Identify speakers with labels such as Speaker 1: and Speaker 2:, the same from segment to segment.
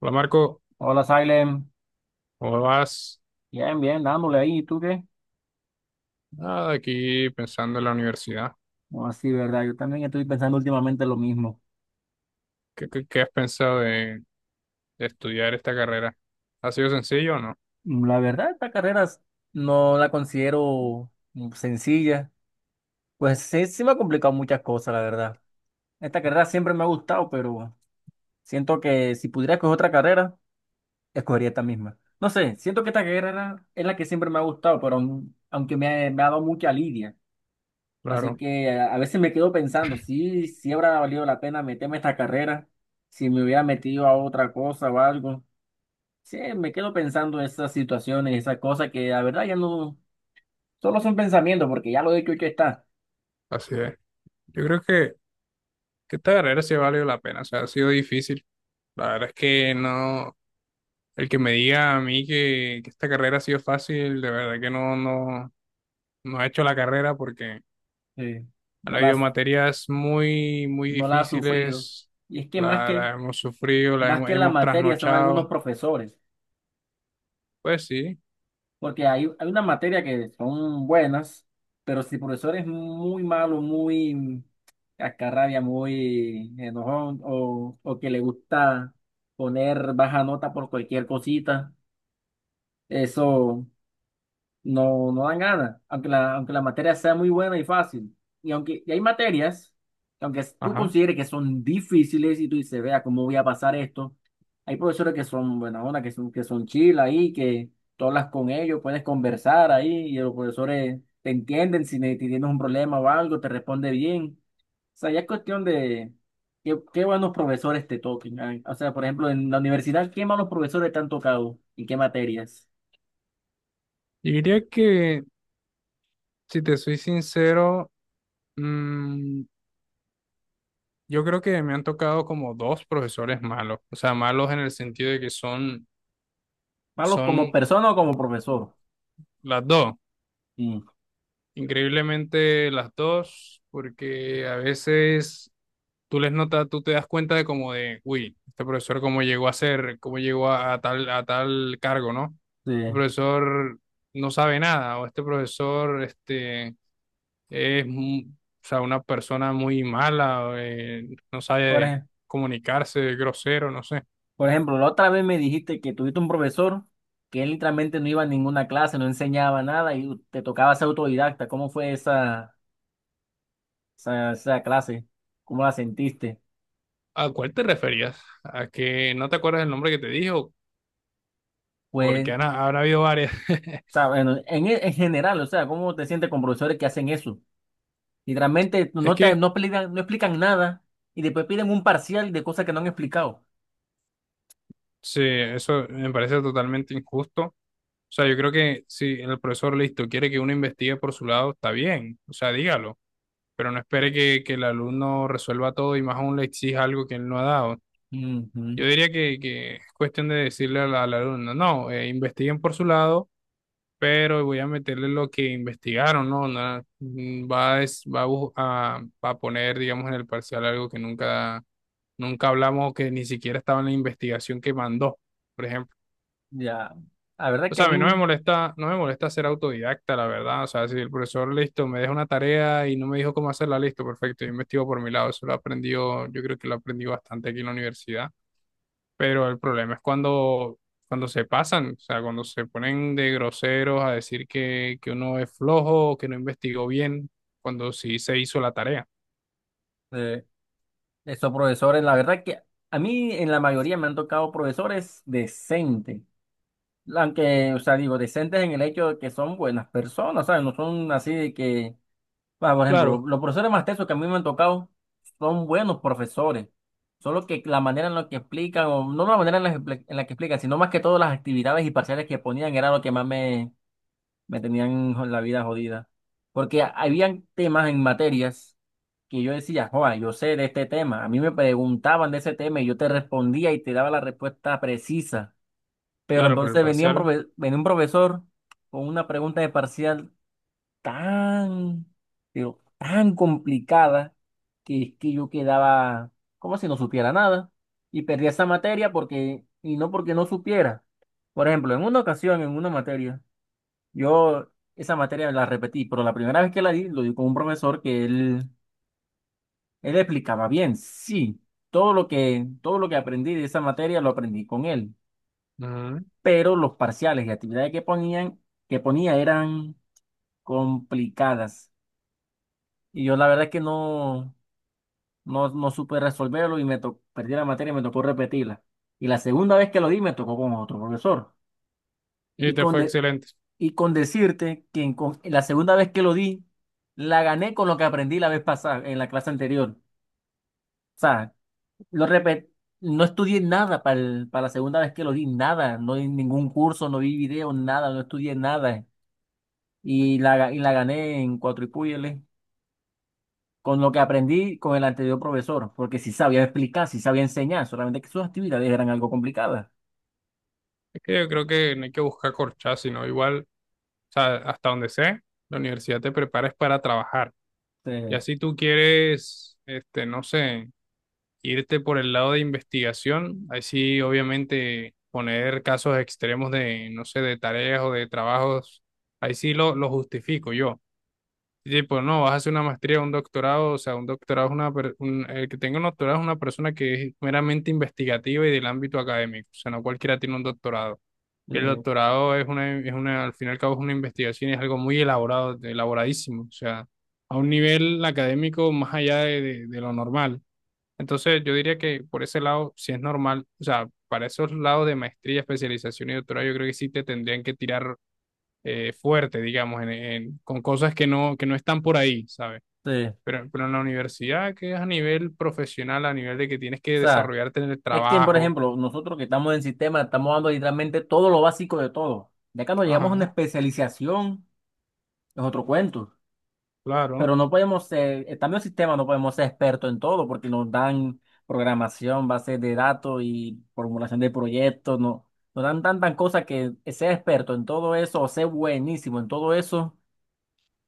Speaker 1: Hola, Marco,
Speaker 2: Hola, Silent.
Speaker 1: ¿cómo vas?
Speaker 2: Bien, bien, dándole ahí. ¿Y tú qué?
Speaker 1: Nada, aquí pensando en la universidad.
Speaker 2: No, sí, verdad. Yo también estoy pensando últimamente lo mismo.
Speaker 1: ¿Qué has pensado de estudiar esta carrera? ¿Ha sido sencillo o no?
Speaker 2: La verdad, esta carrera no la considero sencilla. Pues sí, sí me ha complicado muchas cosas, la verdad. Esta carrera siempre me ha gustado, pero siento que si pudiera escoger otra carrera, escogería esta misma. No sé, siento que esta carrera es la que siempre me ha gustado, pero aunque me ha dado mucha lidia. Así
Speaker 1: Claro,
Speaker 2: que a veces me quedo pensando, sí, sí habrá valido la pena meterme a esta carrera, si me hubiera metido a otra cosa o algo. Sí, me quedo pensando en esas situaciones, esas cosas que la verdad ya no, solo son pensamientos, porque ya lo he hecho, hecho está.
Speaker 1: así es. Yo creo que esta carrera sí ha valido la pena, o sea, ha sido difícil. La verdad es que no, el que me diga a mí que esta carrera ha sido fácil, de verdad que no, no, no ha hecho la carrera porque
Speaker 2: Sí,
Speaker 1: han-
Speaker 2: no
Speaker 1: habido
Speaker 2: las,
Speaker 1: materias muy, muy
Speaker 2: no la ha sufrido.
Speaker 1: difíciles,
Speaker 2: Y es que más
Speaker 1: la,
Speaker 2: que,
Speaker 1: la hemos sufrido, la
Speaker 2: Más
Speaker 1: hemos,
Speaker 2: que la
Speaker 1: hemos
Speaker 2: materia son
Speaker 1: trasnochado.
Speaker 2: algunos profesores.
Speaker 1: Pues sí.
Speaker 2: Porque hay una materia que son buenas, pero si el profesor es muy malo, muy cascarrabia, muy enojón, o que le gusta poner baja nota por cualquier cosita, eso no dan ganas, aunque la materia sea muy buena y fácil. Y hay materias, que aunque tú
Speaker 1: Ajá.
Speaker 2: consideres que son difíciles y tú dices, vea, ¿cómo voy a pasar esto? Hay profesores que son buena onda, que son chill ahí, que tú hablas con ellos, puedes conversar ahí y los profesores te entienden si si tienes un problema o algo, te responde bien. O sea, ya es cuestión de qué buenos profesores te toquen. Ah, o sea, por ejemplo, en la universidad, ¿qué malos profesores te han tocado y qué materias?
Speaker 1: Yo diría que, si te soy sincero, mm, yo creo que me han tocado como dos profesores malos, o sea, malos en el sentido de que son,
Speaker 2: ¿Malo como
Speaker 1: son
Speaker 2: persona o como profesor?
Speaker 1: las dos,
Speaker 2: Sí,
Speaker 1: increíblemente las dos, porque a veces tú les notas, tú te das cuenta de como de, uy, este profesor cómo llegó a ser, cómo llegó a tal cargo, ¿no? Este
Speaker 2: sí.
Speaker 1: profesor no sabe nada, o este profesor, este es mu- o sea, una persona muy mala, no
Speaker 2: Por
Speaker 1: sabe
Speaker 2: ej-
Speaker 1: comunicarse, es grosero, no sé.
Speaker 2: por ejemplo, la otra vez me dijiste que tuviste un profesor que él literalmente no iba a ninguna clase, no enseñaba nada y te tocaba ser autodidacta. ¿Cómo fue esa clase? ¿Cómo la sentiste?
Speaker 1: ¿A cuál te referías? ¿A que no te acuerdas el nombre que te dijo? Porque
Speaker 2: Pues, o
Speaker 1: han- habrá habido varias.
Speaker 2: sea, bueno, en general, o sea, ¿cómo te sientes con profesores que hacen eso? Literalmente
Speaker 1: Es que
Speaker 2: no explican, no explican nada y después piden un parcial de cosas que no han explicado.
Speaker 1: sí, eso me parece totalmente injusto. O sea, yo creo que si el profesor listo quiere que uno investigue por su lado, está bien, o sea, dígalo, pero no espere que el alumno resuelva todo y más aún le exija algo que él no ha dado.
Speaker 2: Ujú,
Speaker 1: Yo diría que es cuestión de decirle al alumno, no, investiguen por su lado, pero voy a meterle lo que investigaron, ¿no? Nada, mm, va, a, des- va a, bu- a- va a poner, digamos, en el parcial algo que nunca, nunca hablamos o que ni siquiera estaba en la investigación que mandó, por ejemplo.
Speaker 2: ya, la verdad
Speaker 1: O
Speaker 2: que a
Speaker 1: sea, a mí no me
Speaker 2: mí...
Speaker 1: molesta, no me molesta ser autodidacta, la verdad. O sea, si el profesor, listo, me deja una tarea y no me dijo cómo hacerla, listo, perfecto, yo investigo por mi lado. Eso lo aprendió, yo creo que lo aprendí bastante aquí en la universidad. Pero el problema es cuando, cuando se pasan, o sea, cuando se ponen de groseros a decir que uno es flojo, que no investigó bien, cuando sí se hizo la tarea.
Speaker 2: eh, Esos profesores, la verdad que a mí en la mayoría me han tocado profesores decentes, aunque, o sea, digo, decentes en el hecho de que son buenas personas, ¿sabes? No son así de que, bueno, por ejemplo,
Speaker 1: Claro.
Speaker 2: profesores más tesos que a mí me han tocado son buenos profesores, solo que la manera en la que explican, o no la manera en la que explican, sino más que todo las actividades y parciales que ponían era lo que más me tenían la vida jodida. Porque habían temas en materias que yo decía, joa, yo sé de este tema. A mí me preguntaban de ese tema y yo te respondía y te daba la respuesta precisa. Pero
Speaker 1: Claro, pero el
Speaker 2: entonces
Speaker 1: parcial.
Speaker 2: venía un profesor con una pregunta de parcial tan, pero tan complicada que es que yo quedaba como si no supiera nada y perdía esa materia y no porque no supiera. Por ejemplo, en una ocasión, en una materia, yo esa materia la repetí, pero la primera vez que la di, lo di con un profesor él explicaba bien, sí, todo todo lo que aprendí de esa materia lo aprendí con él,
Speaker 1: Ujú.
Speaker 2: pero los parciales y actividades que ponía eran complicadas. Y yo la verdad es que no supe resolverlo y perdí la materia y me tocó repetirla. Y la segunda vez que lo di, me tocó con otro profesor.
Speaker 1: Y
Speaker 2: Y
Speaker 1: te
Speaker 2: con,
Speaker 1: fue
Speaker 2: de-
Speaker 1: excelente.
Speaker 2: Y con decirte que la segunda vez que lo di, la gané con lo que aprendí la vez pasada, en la clase anterior. O sea, lo repet- no estudié nada para la segunda vez que lo di, nada. No di ningún curso, no vi video, nada, no estudié nada. Y la gané en cuatro y púyele con lo que aprendí con el anterior profesor, porque sí sabía explicar, sí sabía enseñar, solamente que sus actividades eran algo complicadas.
Speaker 1: Es que yo creo que no hay que buscar corchazos, sino igual, o sea, hasta donde sé, la universidad te prepara es para trabajar.
Speaker 2: Sí,
Speaker 1: Y así tú quieres, este, no sé, irte por el lado de investigación, ahí sí, obviamente, poner casos extremos de, no sé, de tareas o de trabajos, ahí sí lo justifico yo. Tipo, no, vas a hacer una maestría, un doctorado, o sea, un doctorado es una, per- un- el que tenga un doctorado es una persona que es meramente investigativa y del ámbito académico, o sea, no cualquiera tiene un doctorado. El
Speaker 2: sí,
Speaker 1: doctorado es una, al fin y al cabo es una investigación y es algo muy elaborado, elaboradísimo, o sea, a un nivel académico más allá de lo normal. Entonces, yo diría que por ese lado, si es normal, o sea, para esos lados de maestría, especialización y doctorado, yo creo que sí te tendrían que tirar fuerte, digamos, en- con cosas que no están por ahí, ¿sabes?
Speaker 2: sí. O
Speaker 1: Pero en la universidad, que es a nivel profesional, a nivel de que tienes que
Speaker 2: sea,
Speaker 1: desarrollarte en el
Speaker 2: es que, por
Speaker 1: trabajo,
Speaker 2: ejemplo, nosotros que estamos en sistema, estamos dando literalmente todo lo básico de todo. Ya cuando llegamos a una
Speaker 1: ajá,
Speaker 2: especialización, es otro cuento.
Speaker 1: claro,
Speaker 2: Pero no podemos ser, estando en sistema, no podemos ser expertos en todo porque nos dan programación, bases de datos y formulación de proyectos. No, nos dan tantas cosas que ser experto en todo eso o ser buenísimo en todo eso.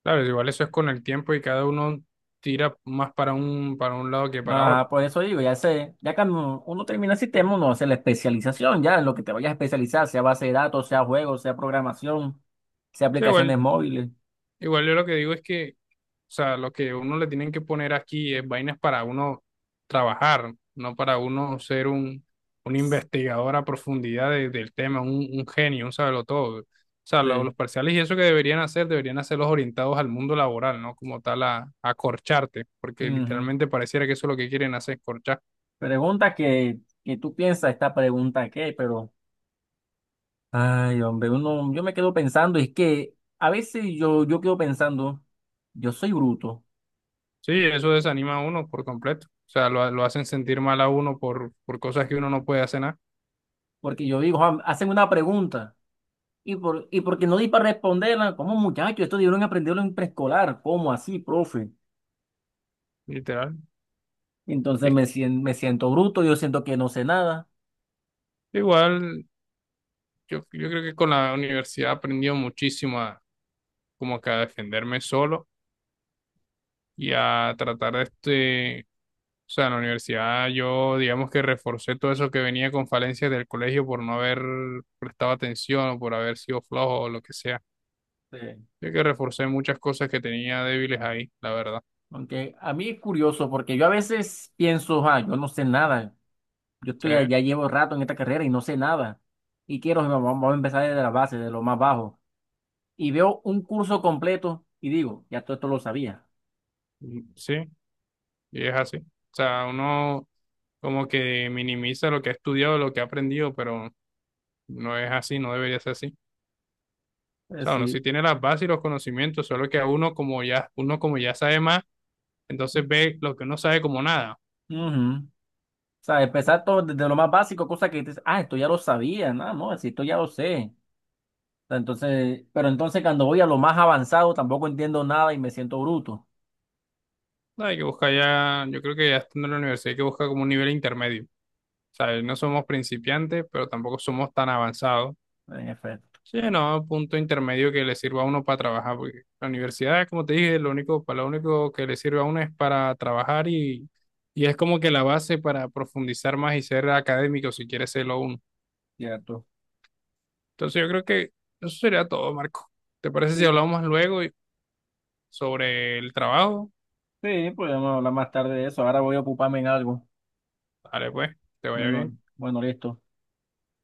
Speaker 1: claro, igual eso es con el tiempo y cada uno tira más para un lado que para otro.
Speaker 2: Ajá, por eso digo, ya sé, ya cuando uno termina el sistema, uno hace la especialización, ya en lo que te vayas a especializar, sea base de datos, sea juegos, sea programación, sea
Speaker 1: Sí,
Speaker 2: aplicaciones
Speaker 1: igual,
Speaker 2: móviles.
Speaker 1: igual yo lo que digo es que, o sea, lo que uno le tienen que poner aquí es vainas para uno trabajar, no para uno ser un investigador a profundidad de- del tema, un genio, un todo. O sea, lo- los
Speaker 2: Sí.
Speaker 1: parciales y eso que deberían hacer, deberían hacerlos orientados al mundo laboral, ¿no? Como tal, a corcharte, porque
Speaker 2: Ujú.
Speaker 1: literalmente pareciera que eso es lo que quieren hacer, corchar.
Speaker 2: Pregunta que tú piensas, esta pregunta qué, pero, ay, hombre, uno, yo me quedo pensando, es que a veces yo quedo pensando, yo soy bruto,
Speaker 1: Sí, eso desanima a uno por completo. O sea, lo hacen sentir mal a uno por cosas que uno no puede hacer nada,
Speaker 2: porque yo digo, "Juan, hacen una pregunta. Y porque no di para responderla, como muchacho esto debieron aprenderlo en preescolar, ¿cómo así, profe?
Speaker 1: literal.
Speaker 2: Entonces
Speaker 1: Es-
Speaker 2: me siento bruto, yo siento que no sé nada.
Speaker 1: igual, yo creo que con la universidad he aprendido muchísimo a como que a defenderme solo y a tratar de este, o sea, en la universidad yo digamos que reforcé todo eso que venía con falencias del colegio por no haber prestado atención o por haber sido flojo o lo que sea.
Speaker 2: Sí.
Speaker 1: Yo que reforcé muchas cosas que tenía débiles ahí, la verdad.
Speaker 2: Aunque a mí es curioso porque yo a veces pienso, ah, yo no sé nada. Yo
Speaker 1: Sí,
Speaker 2: estoy ya llevo rato en esta carrera y no sé nada. Y quiero, vamos, vamos a empezar desde la base, de lo más bajo. Y veo un curso completo y digo, ya todo esto lo sabía.
Speaker 1: sí, y es así. O sea, uno como que minimiza lo que ha estudiado, lo que ha aprendido, pero no es así, no debería ser así.
Speaker 2: Es
Speaker 1: O sea, uno sí
Speaker 2: decir,
Speaker 1: tiene las bases y los conocimientos, solo que a uno como ya sabe más, entonces ve lo que uno sabe como nada.
Speaker 2: ujú. O sea, empezar todo desde lo más básico, cosa que dices, ah, esto ya lo sabía, no, no, si esto ya lo sé. O sea, entonces, pero entonces cuando voy a lo más avanzado tampoco entiendo nada y me siento bruto.
Speaker 1: No hay que buscar ya, yo creo que ya estando en la universidad hay que buscar como un nivel intermedio. O sea, no somos principiantes, pero tampoco somos tan avanzados.
Speaker 2: En efecto.
Speaker 1: Sí, no, un punto intermedio que le sirva a uno para trabajar, porque la universidad, como te dije, lo único, para lo único que le sirve a uno es para trabajar y es como que la base para profundizar más y ser académico si quiere serlo uno.
Speaker 2: Cierto.
Speaker 1: Entonces yo creo que eso sería todo, Marco. ¿Te parece si
Speaker 2: Sí,
Speaker 1: hablamos más luego y- sobre el trabajo?
Speaker 2: sí, podemos hablar más tarde de eso. Ahora voy a ocuparme en algo.
Speaker 1: Vale, pues, te vaya
Speaker 2: Bueno,
Speaker 1: bien.
Speaker 2: bueno, listo.